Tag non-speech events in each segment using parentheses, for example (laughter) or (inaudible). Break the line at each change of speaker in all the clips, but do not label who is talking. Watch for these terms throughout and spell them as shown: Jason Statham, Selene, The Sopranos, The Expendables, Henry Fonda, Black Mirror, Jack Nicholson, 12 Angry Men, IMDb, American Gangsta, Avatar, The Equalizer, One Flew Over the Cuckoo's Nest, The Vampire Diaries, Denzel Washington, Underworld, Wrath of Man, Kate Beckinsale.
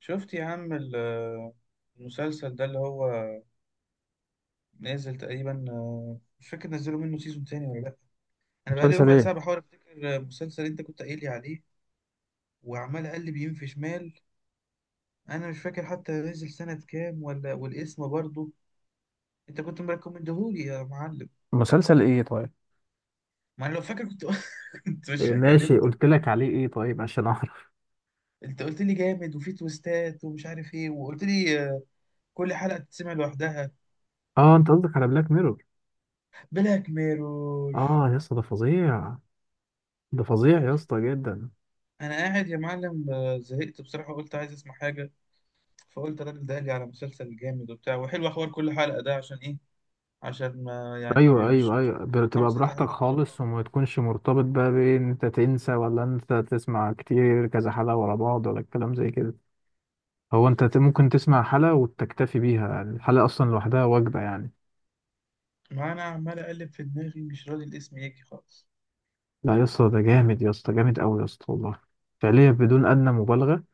شفت يا عم المسلسل ده اللي هو نازل تقريبا، مش فاكر نزلوا منه سيزون تاني ولا لأ. أنا بقالي
مسلسل
ربع ساعة
ايه؟
بحاول أفتكر المسلسل اللي أنت كنت قايل لي عليه، وعمال أقلب يمين في شمال. أنا مش فاكر حتى نزل سنة كام ولا والاسم برضه، أنت كنت مريكومندهولي يا معلم.
مسلسل ايه طيب؟
ما أنا لو فاكر كنت (laughs) كنت
إيه؟
مش
ماشي،
هكلمك.
قلت لك عليه ايه طيب عشان اعرف. (laughs)
أنت قلت لي جامد وفي تويستات ومش عارف إيه، وقلت لي كل حلقة تتسمع لوحدها.
اه، انت قصدك على بلاك ميرور.
بلاك ميرور.
اه يا اسطى، ده فظيع. ده فظيع يا اسطى جدا.
انا قاعد يا معلم، زهقت بصراحه، قلت عايز اسمع حاجه. فقلت الراجل ده قال لي على مسلسل جامد وبتاع وحلو، اخبار كل حلقه ده عشان ايه؟ عشان ما يعني
ايوه، ايوه، ايوه،
خمس
بتبقى
ست
براحتك
حلقات ورا
خالص
بعض.
وما تكونش مرتبط بقى بان انت تنسى، ولا انت تسمع كتير كذا حلقة ورا بعض، ولا الكلام زي كده. هو انت ممكن تسمع حلقة وتكتفي بيها، يعني الحلقة اصلا لوحدها وجبة يعني.
ما انا عمال اقلب في دماغي، مش راضي الاسم يجي خالص.
لا يا اسطى، ده جامد يا اسطى، جامد قوي يا اسطى، والله. فعليا بدون ادنى مبالغة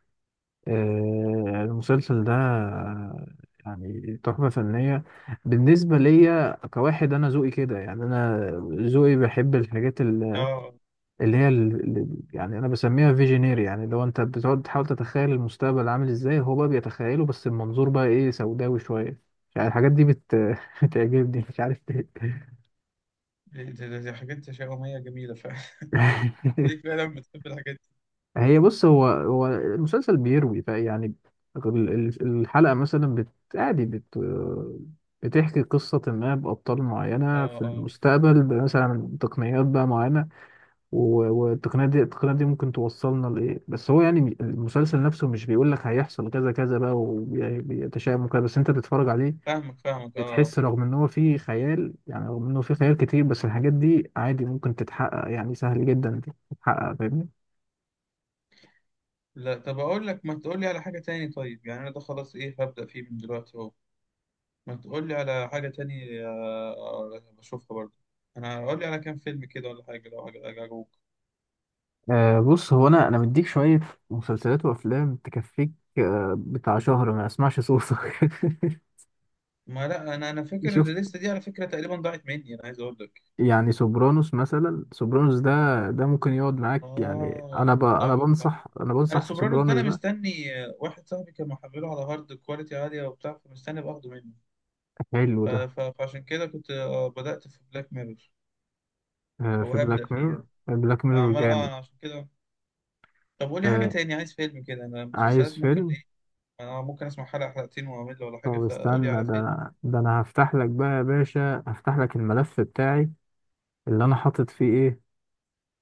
المسلسل ده يعني تحفة فنية. بالنسبة ليا كواحد، أنا ذوقي كده، يعني أنا ذوقي بحب الحاجات
اه،
اللي هي اللي يعني أنا بسميها فيجينير. يعني لو أنت بتقعد تحاول تتخيل المستقبل عامل إزاي، هو بقى بيتخيله، بس المنظور بقى إيه؟ سوداوي شوية. يعني الحاجات دي (laughs) بتعجبني، مش عارف ليه.
دي حاجات تشاؤميه جميله فعلا (laughs) ليك
(laughs)
فعلا بتحب الحاجات دي.
هي بص، هو هو المسلسل بيروي فيعني الحلقة مثلا بت عادي بت بتحكي قصة ما بأبطال معينة
اه،
في
اه،
المستقبل، مثلا تقنيات بقى معينة، والتقنيات دي التقنيات دي ممكن توصلنا لإيه. بس هو يعني المسلسل نفسه مش بيقول لك هيحصل كذا كذا بقى وبيتشائم وكده، بس أنت بتتفرج عليه
فاهمك فاهمك، اه.
بتحس رغم إن هو فيه خيال، يعني رغم إنه فيه خيال كتير، بس الحاجات دي عادي ممكن تتحقق، يعني سهل جدا تتحقق، فاهمني؟
لا، طب اقول لك ما تقول لي على حاجه تاني طيب، يعني انا ده خلاص، ايه هبدا فيه من دلوقتي اهو. ما تقول لي على حاجة تاني بشوفها برضه. انا اقول لي على كام فيلم كده ولا حاجة، لو حاجة عجبوك.
أه بص، هو انا مديك شويه مسلسلات وافلام تكفيك. أه، بتاع شهر ما اسمعش صوتك.
ما لا انا
(laughs)
فاكر
شفت؟
الليستة دي على فكرة تقريبا ضاعت مني، انا عايز اقول لك.
يعني سوبرانوس مثلا، سوبرانوس ده ده ممكن يقعد معاك. يعني
اه،
انا ب... انا
صح صح.
بنصح انا
انا
بنصح في
سوبرانوس ده انا
سوبرانوس ده.
مستني، واحد صاحبي كان محمله على هارد كواليتي عالية وبتاع، فمستني باخده منه.
حلو ده.
فعشان كده كنت بدأت في بلاك ميرور،
أه،
او
في
هبدأ
بلاك
فيه
ميرور.
يعني.
بلاك ميرور
عمال اه،
جامد.
انا عشان كده. طب قول لي حاجة
أه،
تاني، عايز فيلم كده، انا
عايز
مسلسلات ممكن
فيلم؟
ايه. انا ممكن اسمع حلقة حلقتين واعمل ولا حاجة،
طب
فقول لي
استنى
على فيلم.
ده، ده انا هفتح لك بقى يا باشا، هفتح لك الملف بتاعي اللي انا حاطط فيه ايه.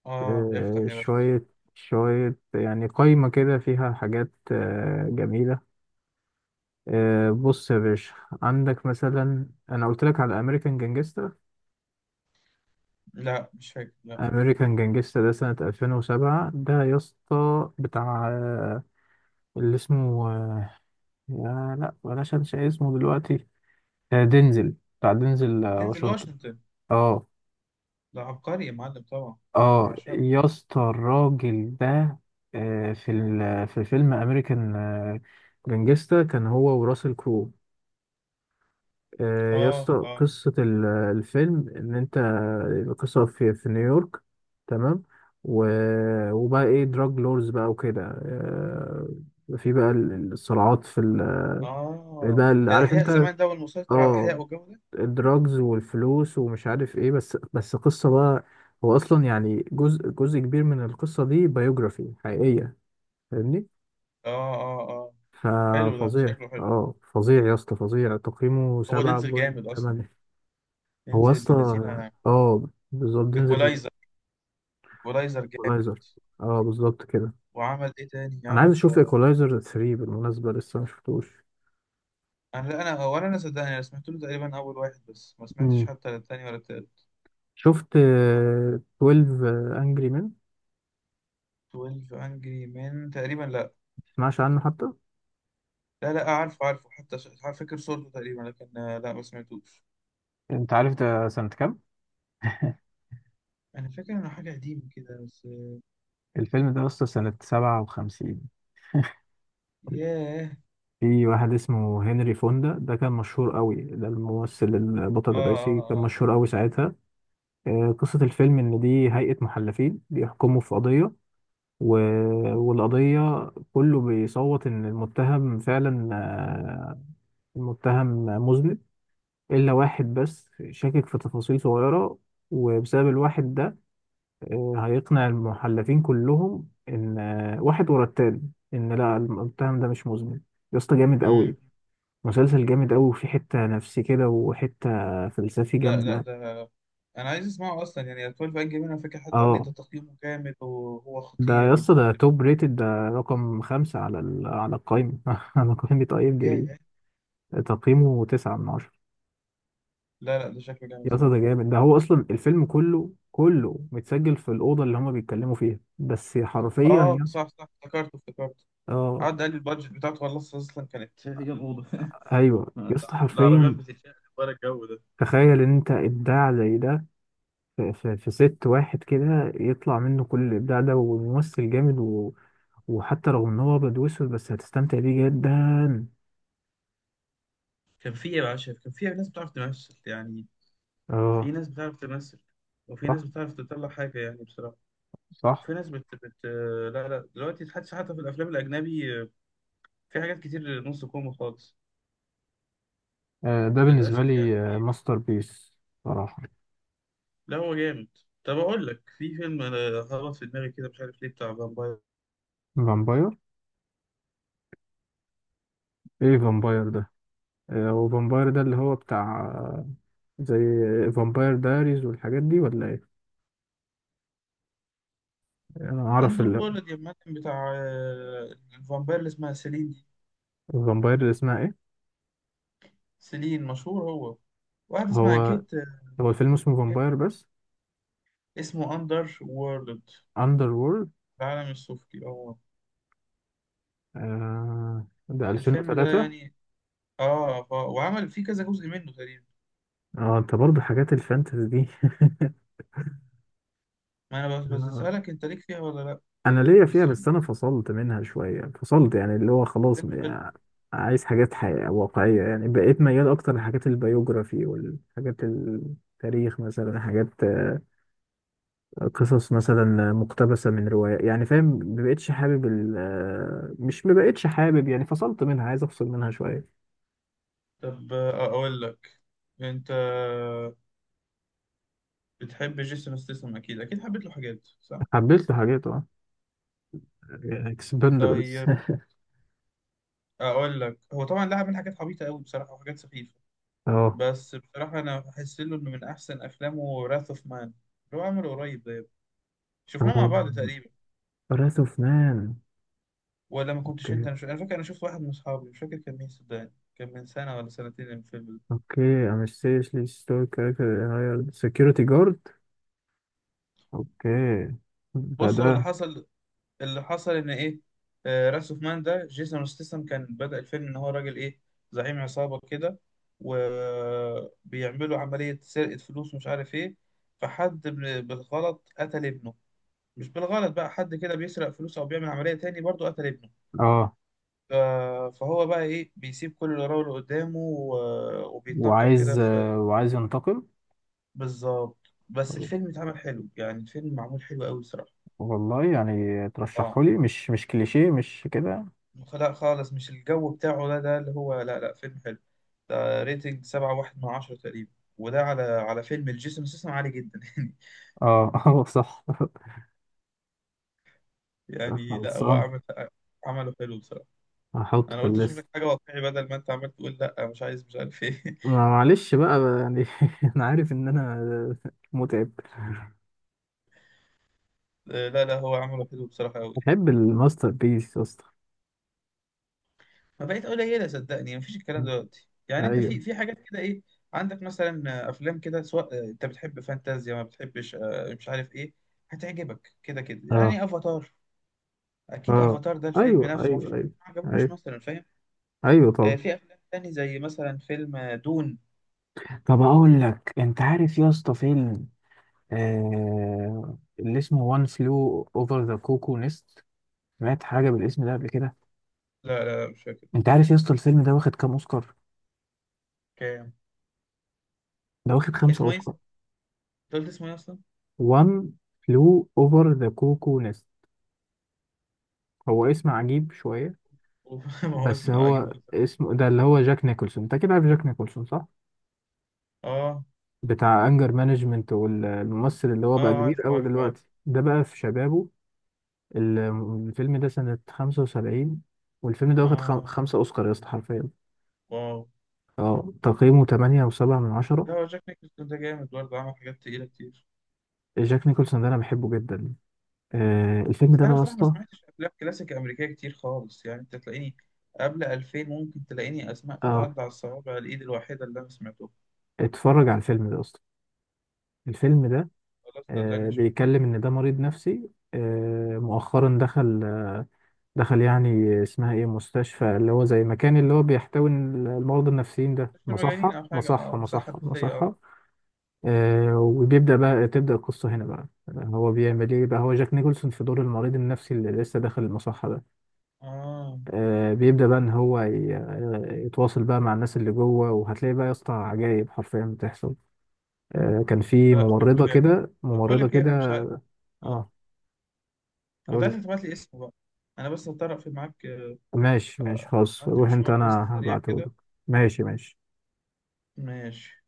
اه، افتح يا باشا افتح.
شوية شوية، يعني قايمة كده فيها حاجات جميلة. بص يا باشا، عندك مثلا، أنا قلت لك على أمريكان جانجستا.
لا مش فاكر، لا.
أمريكان جانجستا ده سنة 2007. ده يا اسطى بتاع اللي اسمه يا لا بلاش، أنسى اسمه دلوقتي. دينزل، بتاع دينزل
دينزل
واشنطن.
واشنطن
اه.
ده عبقري يا معلم، طبعا انا
اه
بعشقه.
يا اسطى، الراجل ده في في فيلم أمريكان جانجستا كان هو وراسل كرو. يا
اه
اسطى،
اه
قصة الفيلم إن أنت، القصة في نيويورك، تمام؟ و... وبقى إيه، دراج لورز بقى وكده، في بقى الصراعات في ال...
اه.
بقى
ده
عارف
الاحياء
أنت،
زمان ده، والمسيطر على الاحياء
آه
والجو ده.
الدراجز والفلوس ومش عارف إيه. بس قصة بقى، هو أصلا يعني جزء كبير من القصة دي بايوجرافي حقيقية، فاهمني؟
اه اه اه. حلو، ده
ففظيع
شكله حلو.
فظيع يا اسطى، فظيع. تقييمه
هو
سبعة
دينزل
بوينت
جامد اصلا.
تمانية. هو
دينزل ابن
اصلا
الذين.
اه بالظبط، تنزل.
ايكولايزر. ايكولايزر جامد.
ايكولايزر. اه بالظبط كده.
وعمل ايه تاني؟
انا عايز
عمل.
اشوف ايكولايزر 3 بالمناسبه، لسه ما شفتوش.
انا لا، انا ولا انا صدقني، انا سمعت له تقريبا اول واحد بس ما سمعتش
امم
حتى التاني ولا التالت.
شفت 12 انجري مان؟
12 انجري من تقريبا.
تسمعش عنه حتى؟
لا لا، عارفه عارفه، حتى فاكر صورته تقريبا، لكن لا ما سمعتوش.
انت عارف ده سنة كام؟
انا فاكر انه حاجه قديمه كده بس.
الفيلم ده اصلا سنه 57.
ياه.
في واحد اسمه هنري فوندا، ده كان مشهور قوي، ده الممثل
اه
البطل الرئيسي،
اه
كان
اه.
مشهور قوي ساعتها. قصه الفيلم ان دي هيئه محلفين بيحكموا في قضيه، و... والقضية كله بيصوت إن المتهم فعلا المتهم مذنب، إلا واحد بس شاكك في تفاصيل صغيرة. وبسبب الواحد ده هيقنع المحلفين كلهم إن واحد ورا التاني إن لا، المتهم ده مش مذنب. يا اسطى جامد
مم.
أوي. مسلسل جامد أوي، وفي حتة نفسي كده، وحتة فلسفي
لا لا،
جامدة.
ده انا عايز اسمعه اصلا يعني. 12 انجري مان، انا فاكر حد قال لي ده
اه
تقييمه جامد وهو
ده
خطير،
يا اسطى، ده
والفيلم.
توب ريتد. ده رقم خمسة على ال... على القايمة. (laughs) على قائمة اي ام دي بي
ياه.
تقييمه تسعة من عشرة.
لا لا، ده شكله جامد
يا اسطى
فعلا.
ده جامد. ده هو اصلا الفيلم كله، كله متسجل في الاوضه اللي هما بيتكلموا فيها بس، حرفيا.
اه
يا
صح
اسطى،
صح، افتكرته افتكرته.
اه
قعد قال لي البادجت بتاعته خلاص اصلا كانت، شايف كام اوضه (laughs)
ايوه يا اسطى،
العربيات
حرفيا.
بتتشقلب ورا، الجو ده.
تخيل ان انت ابداع زي ده في ست واحد كده يطلع منه كل الابداع ده، وممثل جامد و... وحتى رغم ان هو ابيض واسود، بس هتستمتع بيه جدا.
كان في إيه يا باشا؟ كان في ناس بتعرف تمثل يعني. في
اه،
ناس بتعرف تمثل، وفي
صح
ناس بتعرف تطلع حاجة يعني بصراحة.
صح.
وفي ناس لا لا، دلوقتي حتى حتى في الأفلام الأجنبي في حاجات كتير نص كوم خالص،
ده بالنسبه
للأسف
لي
يعني.
ماستر بيس صراحه.
لا هو جامد. طب أقول لك في فيلم، أنا هبط في دماغي كده مش عارف ليه، بتاع فامباير.
فامباير؟ ايه فامباير ده؟ وفامباير ده اللي هو بتاع زي فامباير دايريز والحاجات دي، ولا ايه؟ انا اعرف
أندر وورلد يا معلم، بتاع الفامباير اللي اسمها سيلين دي.
الفامباير اللي اسمها ايه؟
سيلين، مشهور هو. واحدة اسمها
هو
كيت.
هو الفيلم اسمه
كيت.
فامباير بس؟
اسمه أندر وورلد،
اندر وورلد.
العالم السفلي، اه.
آه، ده
الفيلم ده
2003.
يعني، اه، وعمل فيه كذا جزء منه تقريبا.
اه، انت برضه حاجات الفانتازي دي.
ما انا بس
(laughs)
بس
آه،
اسالك، انت ليك فيها ولا لا.
انا ليا
بس
فيها، بس
فيلم،
انا فصلت منها شويه، فصلت، يعني اللي هو خلاص
فيلم حلو.
بقى، عايز حاجات حقيقة واقعيه، يعني بقيت ميال اكتر لحاجات البيوجرافي والحاجات التاريخ، مثلا حاجات قصص مثلا مقتبسة من رواية، يعني فاهم؟ مبقتش حابب ال آه، مش مبقتش حابب، يعني فصلت منها، عايز افصل منها شوية.
طب اقول لك، انت بتحب جيسون ستاثام اكيد، اكيد حبيت له حاجات صح.
حبيت له حاجات، اه، اكسبندبلز.
طيب
(laughs)
اقول لك، هو طبعا لا، عمل حاجات عبيطه قوي بصراحه وحاجات سخيفه،
اه.
بس بصراحه انا بحس له انه من احسن افلامه راث اوف مان، اللي هو عمله قريب ده. شفناه مع بعض تقريبا،
براث اوف مان.
ولا ما كنتش انت.
اوكي.
انا فاكر انا شفت واحد من اصحابي، مش فاكر كان مين صدقني، كان من سنه ولا سنتين الفيلم ده.
اوكي، I'm a seriously stoic character that hired security guard. اوكي. ده
بص هو اللي
ده
حصل، اللي حصل ان ايه، راس اوف مان ده جيسون ستاثام، كان بدأ الفيلم ان هو راجل ايه، زعيم عصابة كده، وبيعملوا عملية سرقة فلوس ومش عارف ايه، فحد بالغلط قتل ابنه. مش بالغلط بقى، حد كده بيسرق فلوس او بيعمل عملية تاني برضه قتل ابنه.
اه
ف- فهو بقى ايه، بيسيب كل اللي وراه واللي قدامه وبيتنكر كده
وعايز
في.
وعايز ينتقم.
بالظبط، بس الفيلم اتعمل حلو يعني، الفيلم معمول حلو قوي صراحة.
والله يعني
اه،
ترشحه لي؟ مش مش كليشيه مش كده؟
لا خالص مش الجو بتاعه ده، ده اللي هو لا لا، فيلم حلو. ده ريتنج سبعة واحد من عشرة تقريبا، وده على على فيلم الجيسون سيسم عالي جدا (laughs) يعني.
اه. (laughs) اه صح.
يعني لا هو
خلصان.
عمل، عمله حلو بصراحة.
هحطه
أنا
في
قلت أشوف
الليست.
لك حاجة واقعي بدل ما أنت عمال تقول لا مش عايز مش عارف إيه.
معلش بقى يعني، (laughs) انا عارف ان انا متعب.
(laughs) لا لا، هو عمله حلو بصراحة أوي.
بحب الماستر بيس يا اسطى.
ما بقيت قليلة صدقني، مفيش الكلام دلوقتي يعني. أنت في
ايوه.
في حاجات كده إيه، عندك مثلا أفلام كده، سواء أنت بتحب فانتازيا ما بتحبش مش عارف إيه، هتعجبك كده كده،
اه،
يعني افاتار. اكيد
اه،
افاتار ده الفيلم
ايوه،
نفسه ما
ايوه،
فيش حد
ايوه.
ما عجبوش
ايوه،
مثلا، فاهم.
ايوه، طبعا.
في افلام تاني زي مثلا فيلم، دون.
طب اقول لك، انت عارف يا اسطى فيلم اللي اسمه وان فلو اوفر ذا كوكو نست؟ سمعت حاجه بالاسم ده قبل كده؟
لا لا لا، مش فاكر.
انت عارف يا اسطى الفيلم ده واخد كام اوسكار؟
كام؟
ده واخد خمسة
اسمه ايه؟ أنت
اوسكار.
قلت اسمه ايه اصلا؟
وان فلو اوفر ذا كوكو نست، هو اسم عجيب شويه،
(laughs) ما هو
بس
اسمه عجيب
هو
أصلاً.
اسمه ده. اللي هو جاك نيكولسون، انت كده عارف جاك نيكولسون صح؟
اه
بتاع انجر مانجمنت، والممثل اللي هو بقى
اه، عارف
كبير قوي
عارف عارف.
دلوقتي، ده بقى في شبابه. ال- الفيلم ده سنة 75، والفيلم ده واخد
اه.
خمسة اوسكار يا اسطى، حرفيا.
واو.
اه تقييمه 8 و7 من 10.
لا هو جاك نيكلسون ده جامد برضه، عمل حاجات تقيلة كتير.
جاك نيكولسون ده انا بحبه جدا. آه الفيلم
بس
ده
انا
بقى يا
بصراحة ما
اسطى.
سمعتش افلام كلاسيك امريكية كتير خالص يعني، انت تلاقيني قبل 2000 ممكن تلاقيني اسماء
اه.
تتعدى على الصوابع الايد الواحدة اللي انا سمعتها.
اتفرج على الفيلم ده يا اسطى. الفيلم ده
خلاص صدقني اشوف.
بيتكلم ان ده مريض نفسي، مؤخرا دخل، دخل يعني، اسمها ايه، مستشفى، اللي هو زي مكان اللي هو بيحتوي المرضى النفسيين ده،
مش المجانين
مصحة
او حاجة،
مصحة
اه، مصحة
مصحة
نفسية، اه.
مصحة. وبيبدأ بقى، تبدأ القصة هنا بقى. هو بيعمل ايه بقى؟ هو جاك نيكولسون في دور المريض النفسي اللي لسه داخل المصحة ده.
اه،
بيبدأ بقى ان هو يتواصل بقى مع الناس اللي جوه، وهتلاقي بقى يا اسطى عجايب حرفيا بتحصل. كان في
لا لا، شكله
ممرضة
جامد.
كده،
طب بقول
ممرضة
لك ايه،
كده.
انا مش عارف. أوه.
اه،
كنت
اقول
عايز
لي.
تبعت لي اسمه بقى، انا بس هطرق في معاك،
ماشي ماشي خلاص،
عندي
روح انت،
مشوار بس
انا
سريع
هبعته
كده.
لك. ماشي ماشي.
ماشي.